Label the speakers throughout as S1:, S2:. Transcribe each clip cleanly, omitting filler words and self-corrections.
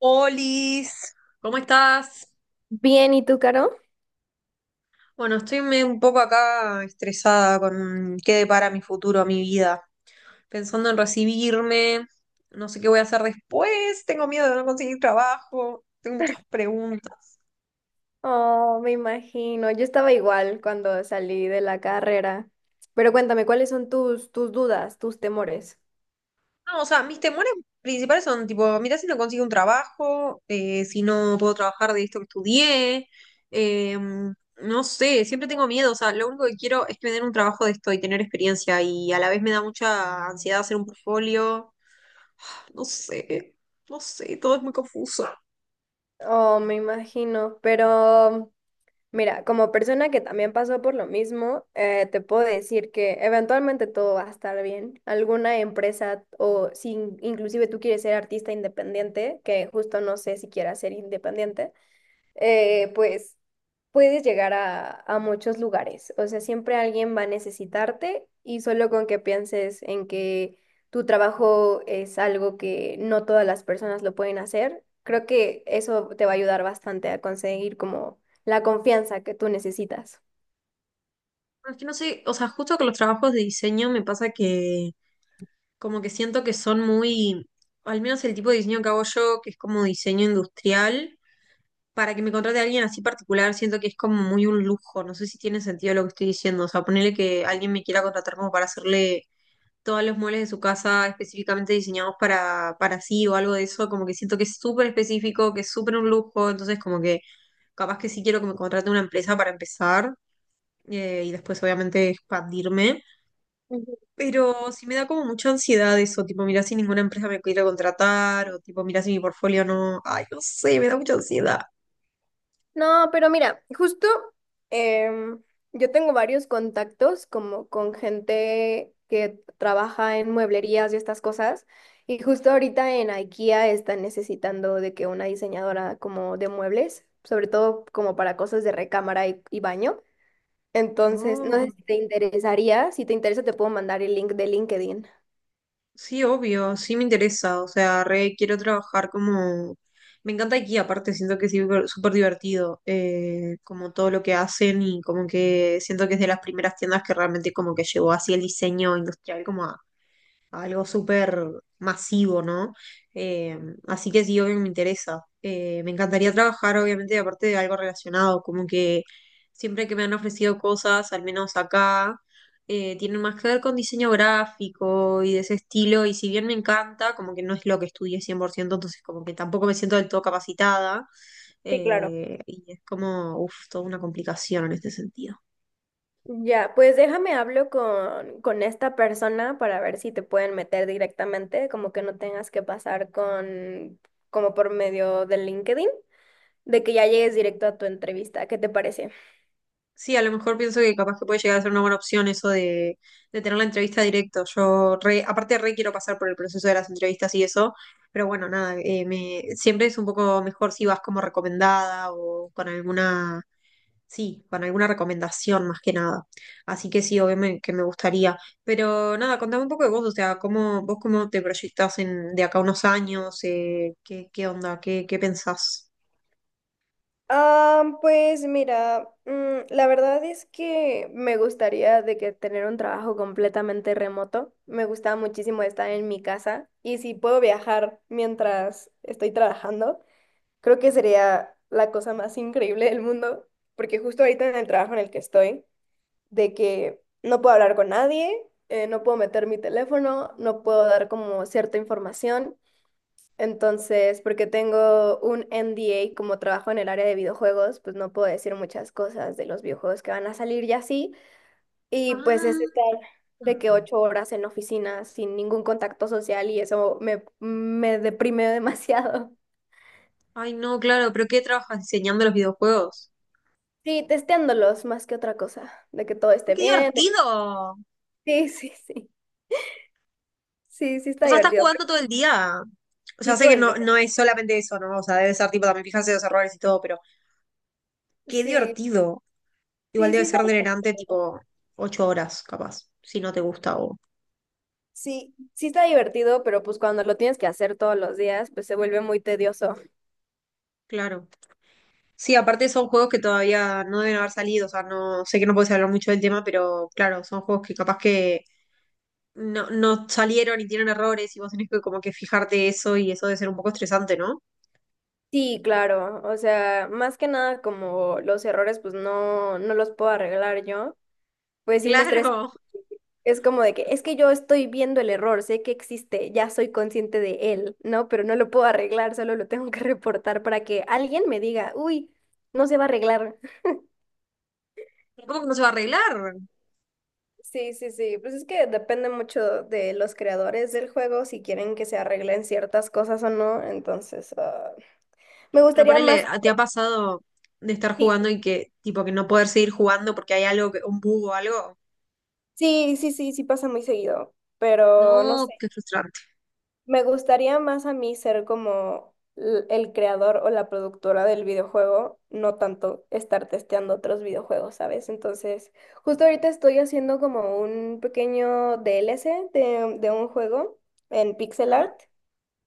S1: Olis, ¿cómo estás?
S2: Bien, ¿y tú, Caro?
S1: Bueno, estoy un poco acá estresada con qué depara mi futuro, mi vida. Pensando en recibirme, no sé qué voy a hacer después, tengo miedo de no conseguir trabajo, tengo muchas preguntas.
S2: Oh, me imagino. Yo estaba igual cuando salí de la carrera. Pero cuéntame, ¿cuáles son tus dudas, tus temores?
S1: No, o sea, mis temores principales son tipo, mirá si no consigo un trabajo, si no puedo trabajar de esto que estudié, eh, no sé, siempre tengo miedo, o sea, lo único que quiero es que me den un trabajo de esto y tener experiencia y a la vez me da mucha ansiedad hacer un portfolio. No sé, no sé, todo es muy confuso.
S2: Oh, me imagino. Pero mira, como persona que también pasó por lo mismo, te puedo decir que eventualmente todo va a estar bien. Alguna empresa o si inclusive tú quieres ser artista independiente, que justo no sé si quieras ser independiente. Pues puedes llegar a muchos lugares. O sea, siempre alguien va a necesitarte y solo con que pienses en que tu trabajo es algo que no todas las personas lo pueden hacer, creo que eso te va a ayudar bastante a conseguir como la confianza que tú necesitas.
S1: Pero es que no sé, o sea, justo con los trabajos de diseño me pasa que como que siento que son muy, al menos el tipo de diseño que hago yo, que es como diseño industrial, para que me contrate a alguien así particular, siento que es como muy un lujo. No sé si tiene sentido lo que estoy diciendo. O sea, ponerle que alguien me quiera contratar como para hacerle todos los muebles de su casa específicamente diseñados para sí o algo de eso, como que siento que es súper específico, que es súper un lujo, entonces como que capaz que sí quiero que me contrate una empresa para empezar, y después obviamente expandirme. Pero sí me da como mucha ansiedad eso, tipo, mira si ninguna empresa me quiere contratar o tipo, mira si mi portfolio no, ay, no sé, me da mucha ansiedad.
S2: No, pero mira, justo em, yo tengo varios contactos como con gente que trabaja en mueblerías y estas cosas. Y justo ahorita en IKEA están necesitando de que una diseñadora como de muebles, sobre todo como para cosas de recámara y baño. Entonces, no sé
S1: Oh.
S2: si te interesaría, si te interesa te puedo mandar el link de LinkedIn.
S1: Sí, obvio, sí me interesa, o sea, re quiero trabajar como... Me encanta aquí, aparte siento que es súper súper divertido, como todo lo que hacen y como que siento que es de las primeras tiendas que realmente como que llevó así el diseño industrial como algo súper masivo, ¿no? Eh, así que sí, obvio que me interesa. Me encantaría trabajar, obviamente, aparte de algo relacionado, como que siempre que me han ofrecido cosas, al menos acá, tienen más que ver con diseño gráfico y de ese estilo, y si bien me encanta, como que no es lo que estudié 100%, entonces como que tampoco me siento del todo capacitada,
S2: Sí, claro.
S1: y es como, uff, toda una complicación en este sentido.
S2: Ya, pues déjame hablo con esta persona para ver si te pueden meter directamente, como que no tengas que pasar como por medio del LinkedIn, de que ya llegues directo a tu entrevista. ¿Qué te parece?
S1: Sí, a lo mejor pienso que capaz que puede llegar a ser una buena opción eso de, tener la entrevista directo. Yo re, aparte re quiero pasar por el proceso de las entrevistas y eso, pero bueno, nada, siempre es un poco mejor si vas como recomendada o con alguna, sí, con alguna recomendación más que nada. Así que sí, obviamente que me gustaría. Pero nada, contame un poco de vos, o sea, cómo, vos cómo te proyectás en, de acá a unos años, qué, qué, onda, qué pensás.
S2: Ah, pues mira, la verdad es que me gustaría de que tener un trabajo completamente remoto. Me gusta muchísimo estar en mi casa y si puedo viajar mientras estoy trabajando. Creo que sería la cosa más increíble del mundo, porque justo ahorita en el trabajo en el que estoy, de que no puedo hablar con nadie, no puedo meter mi teléfono, no puedo dar como cierta información. Entonces, porque tengo un NDA, como trabajo en el área de videojuegos, pues no puedo decir muchas cosas de los videojuegos que van a salir y así. Y pues es estar de que
S1: Ah.
S2: 8 horas en la oficina sin ningún contacto social y eso me deprime demasiado.
S1: Ay, no, claro, pero ¿qué trabajas diseñando los videojuegos?
S2: Sí, testeándolos más que otra cosa, de que todo
S1: ¡Ay,
S2: esté
S1: qué
S2: bien.
S1: divertido!
S2: Sí, sí, sí, sí, sí está
S1: O sea, estás
S2: divertido. Pero
S1: jugando todo el día. O sea,
S2: sí,
S1: sé
S2: todo
S1: que
S2: el
S1: no,
S2: día.
S1: no es solamente eso, ¿no? O sea, debe ser tipo también fijarse en los errores y todo, pero qué
S2: Sí,
S1: divertido. Igual
S2: sí,
S1: debe
S2: sí está
S1: ser
S2: divertido.
S1: drenante tipo 8 horas, capaz, si no te gusta o...
S2: Sí, sí está divertido, pero pues cuando lo tienes que hacer todos los días, pues se vuelve muy tedioso.
S1: Claro. Sí, aparte son juegos que todavía no deben haber salido, o sea, no sé que no puedes hablar mucho del tema, pero claro, son juegos que capaz que no, no salieron y tienen errores y vos tenés que como que fijarte eso y eso debe ser un poco estresante, ¿no?
S2: Sí, claro, o sea, más que nada como los errores, pues no, no los puedo arreglar yo, pues sí me estresa.
S1: Claro.
S2: Es como de que, es que yo estoy viendo el error, sé que existe, ya soy consciente de él, ¿no? Pero no lo puedo arreglar, solo lo tengo que reportar para que alguien me diga, uy, no se va a arreglar.
S1: ¿Cómo que no se va a arreglar?
S2: Sí, sí, sí, pues es que depende mucho de los creadores del juego, si quieren que se arreglen ciertas cosas o no, entonces ah, me
S1: Pero
S2: gustaría más,
S1: ponele, ¿te ha pasado de estar
S2: sí,
S1: jugando y que, tipo, que no poder seguir jugando porque hay algo, que, un bug o algo?
S2: sí, sí, sí, sí pasa muy seguido, pero no.
S1: No, qué frustrante.
S2: Me gustaría más a mí ser como el creador o la productora del videojuego, no tanto estar testeando otros videojuegos, ¿sabes? Entonces, justo ahorita estoy haciendo como un pequeño DLC de un juego en pixel
S1: Ujú.
S2: art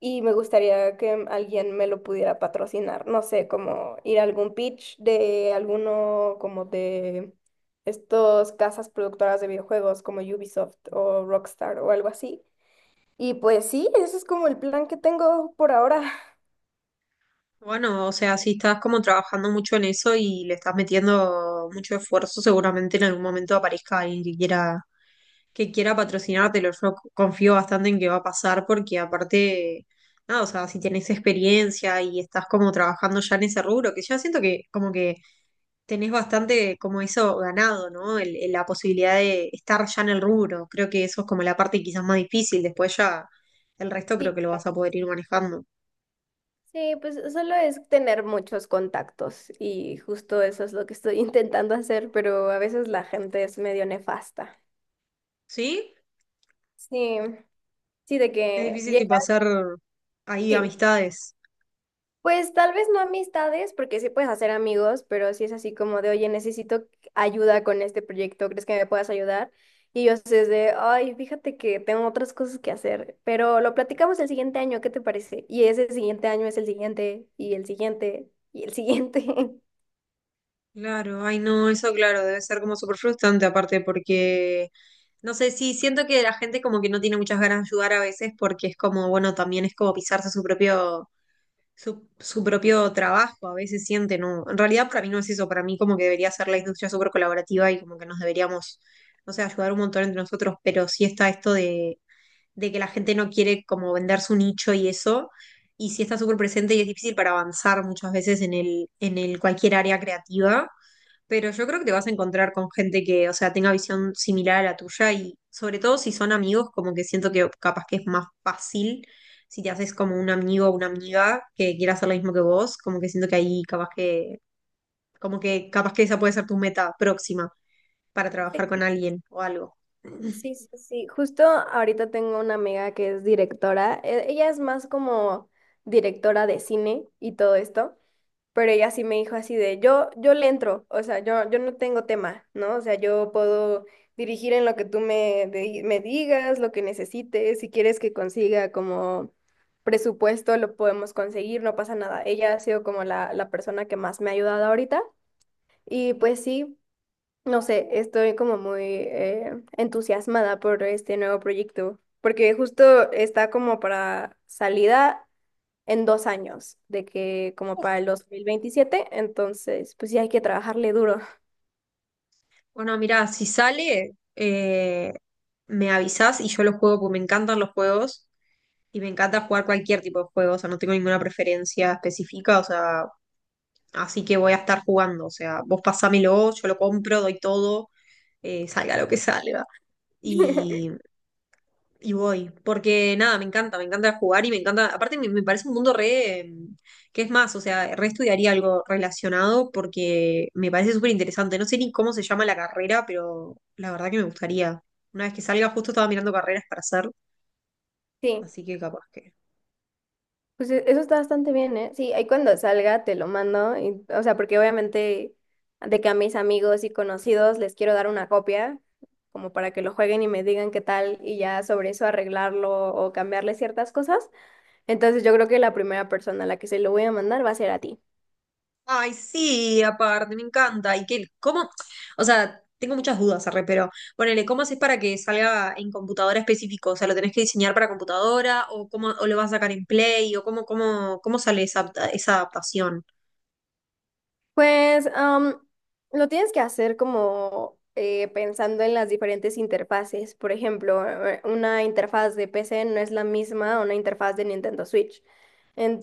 S2: y me gustaría que alguien me lo pudiera patrocinar, no sé, como ir a algún pitch de alguno como de estos casas productoras de videojuegos como Ubisoft o Rockstar o algo así, y pues sí, ese es como el plan que tengo por ahora.
S1: Bueno, o sea, si estás como trabajando mucho en eso y le estás metiendo mucho esfuerzo, seguramente en algún momento aparezca alguien que quiera patrocinártelo. Yo confío bastante en que va a pasar porque aparte, nada, o sea, si tenés experiencia y estás como trabajando ya en ese rubro, que ya siento que como que tenés bastante como eso ganado, ¿no? La posibilidad de estar ya en el rubro. Creo que eso es como la parte quizás más difícil. Después ya el resto creo
S2: Sí.
S1: que lo vas a poder ir manejando.
S2: Sí, pues solo es tener muchos contactos y justo eso es lo que estoy intentando hacer, pero a veces la gente es medio nefasta.
S1: ¿Sí?
S2: Sí, sí, de
S1: Es
S2: que
S1: difícil
S2: llega,
S1: tipo hacer ahí
S2: sí.
S1: amistades.
S2: Pues tal vez no amistades, porque sí puedes hacer amigos, pero si es así como de, oye, necesito ayuda con este proyecto, ¿crees que me puedas ayudar? Y ellos es de, ay, fíjate que tengo otras cosas que hacer, pero lo platicamos el siguiente año, ¿qué te parece? Y ese siguiente año es el siguiente, y el siguiente, y el siguiente.
S1: Claro, ay no, eso claro, debe ser como súper frustrante aparte porque, no sé, sí, siento que la gente como que no tiene muchas ganas de ayudar a veces porque es como, bueno, también es como pisarse su propio, su propio trabajo, a veces siente, ¿no? En realidad para mí no es eso, para mí como que debería ser la industria súper colaborativa y como que nos deberíamos, no sé, ayudar un montón entre nosotros, pero sí está esto de, que la gente no quiere como vender su nicho y eso. Y sí está súper presente y es difícil para avanzar muchas veces en el cualquier área creativa. Pero yo creo que te vas a encontrar con gente que, o sea, tenga visión similar a la tuya y sobre todo si son amigos, como que siento que capaz que es más fácil si te haces como un amigo o una amiga que quiera hacer lo mismo que vos, como que siento que ahí capaz que, como que capaz que esa puede ser tu meta próxima para trabajar con alguien o algo. Uf,
S2: Sí, sí, sí. Justo ahorita tengo una amiga que es directora. Ella es más como directora de cine y todo esto. Pero ella sí me dijo así de, yo le entro, o sea, yo no tengo tema, ¿no? O sea, yo puedo dirigir en lo que tú me digas, lo que necesites, si quieres que consiga como presupuesto, lo podemos conseguir, no pasa nada. Ella ha sido como la persona que más me ha ayudado ahorita y pues sí, no sé, estoy como muy entusiasmada por este nuevo proyecto, porque justo está como para salida en 2 años, de que como para el 2027, entonces pues sí hay que trabajarle duro.
S1: bueno, mira, si sale, me avisás y yo lo juego porque me encantan los juegos y me encanta jugar cualquier tipo de juegos, o sea, no tengo ninguna preferencia específica, o sea, así que voy a estar jugando. O sea, vos pasámelo, yo lo compro, doy todo, salga lo que salga. Y, y voy. Porque nada, me encanta jugar y me encanta. Aparte, me parece un mundo re. ¿Qué es más? O sea, re estudiaría algo relacionado porque me parece súper interesante. No sé ni cómo se llama la carrera, pero la verdad que me gustaría. Una vez que salga, justo estaba mirando carreras para hacer.
S2: Sí,
S1: Así que capaz que.
S2: pues eso está bastante bien, ¿eh? Sí, ahí cuando salga te lo mando, o sea, porque obviamente de que a mis amigos y conocidos les quiero dar una copia, como para que lo jueguen y me digan qué tal, y ya sobre eso arreglarlo o cambiarle ciertas cosas. Entonces yo creo que la primera persona a la que se lo voy a mandar va a ser a ti.
S1: Ay, sí, aparte, me encanta. ¿Y qué, cómo? O sea, tengo muchas dudas, arre, pero ponele, ¿cómo haces para que salga en computadora específico? O sea, ¿lo tenés que diseñar para computadora? ¿O cómo o lo vas a sacar en Play? ¿O cómo, sale esa, esa adaptación?
S2: Pues lo tienes que hacer como pensando en las diferentes interfaces. Por ejemplo, una interfaz de PC no es la misma a una interfaz de Nintendo Switch.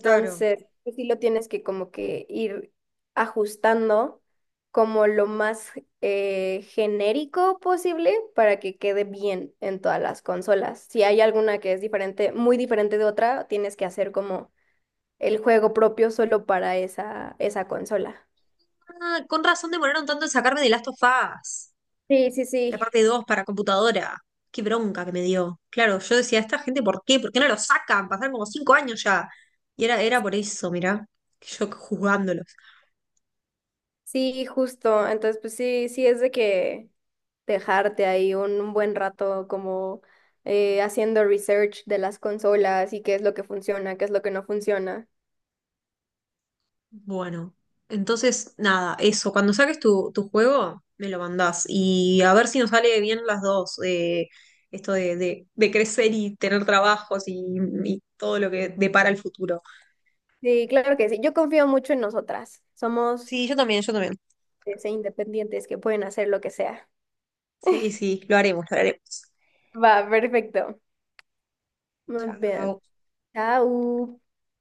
S1: Claro.
S2: pues sí lo tienes que como que ir ajustando como lo más genérico posible para que quede bien en todas las consolas. Si hay alguna que es diferente, muy diferente de otra, tienes que hacer como el juego propio solo para esa consola.
S1: Ah, con razón demoraron tanto en sacarme de Last of Us,
S2: Sí, sí,
S1: la
S2: sí,
S1: parte 2 para computadora. Qué bronca que me dio. Claro, yo decía, ¿esta gente por qué? ¿Por qué no lo sacan? Pasaron como 5 años ya. Y era por eso, mirá, yo juzgándolos.
S2: sí, justo. Entonces, pues sí, sí es de que dejarte ahí un buen rato como haciendo research de las consolas y qué es lo que funciona, qué es lo que no funciona.
S1: Bueno, entonces nada, eso, cuando saques tu juego, me lo mandás y a ver si nos sale bien las dos, esto de, de crecer y tener trabajos y todo lo que depara el futuro.
S2: Sí, claro que sí. Yo confío mucho en nosotras. Somos
S1: Sí, yo también, yo también.
S2: ese, independientes que pueden hacer lo que sea.
S1: Sí, sí, lo haremos, lo haremos.
S2: Va, perfecto. Muy bien.
S1: Chao.
S2: Chao.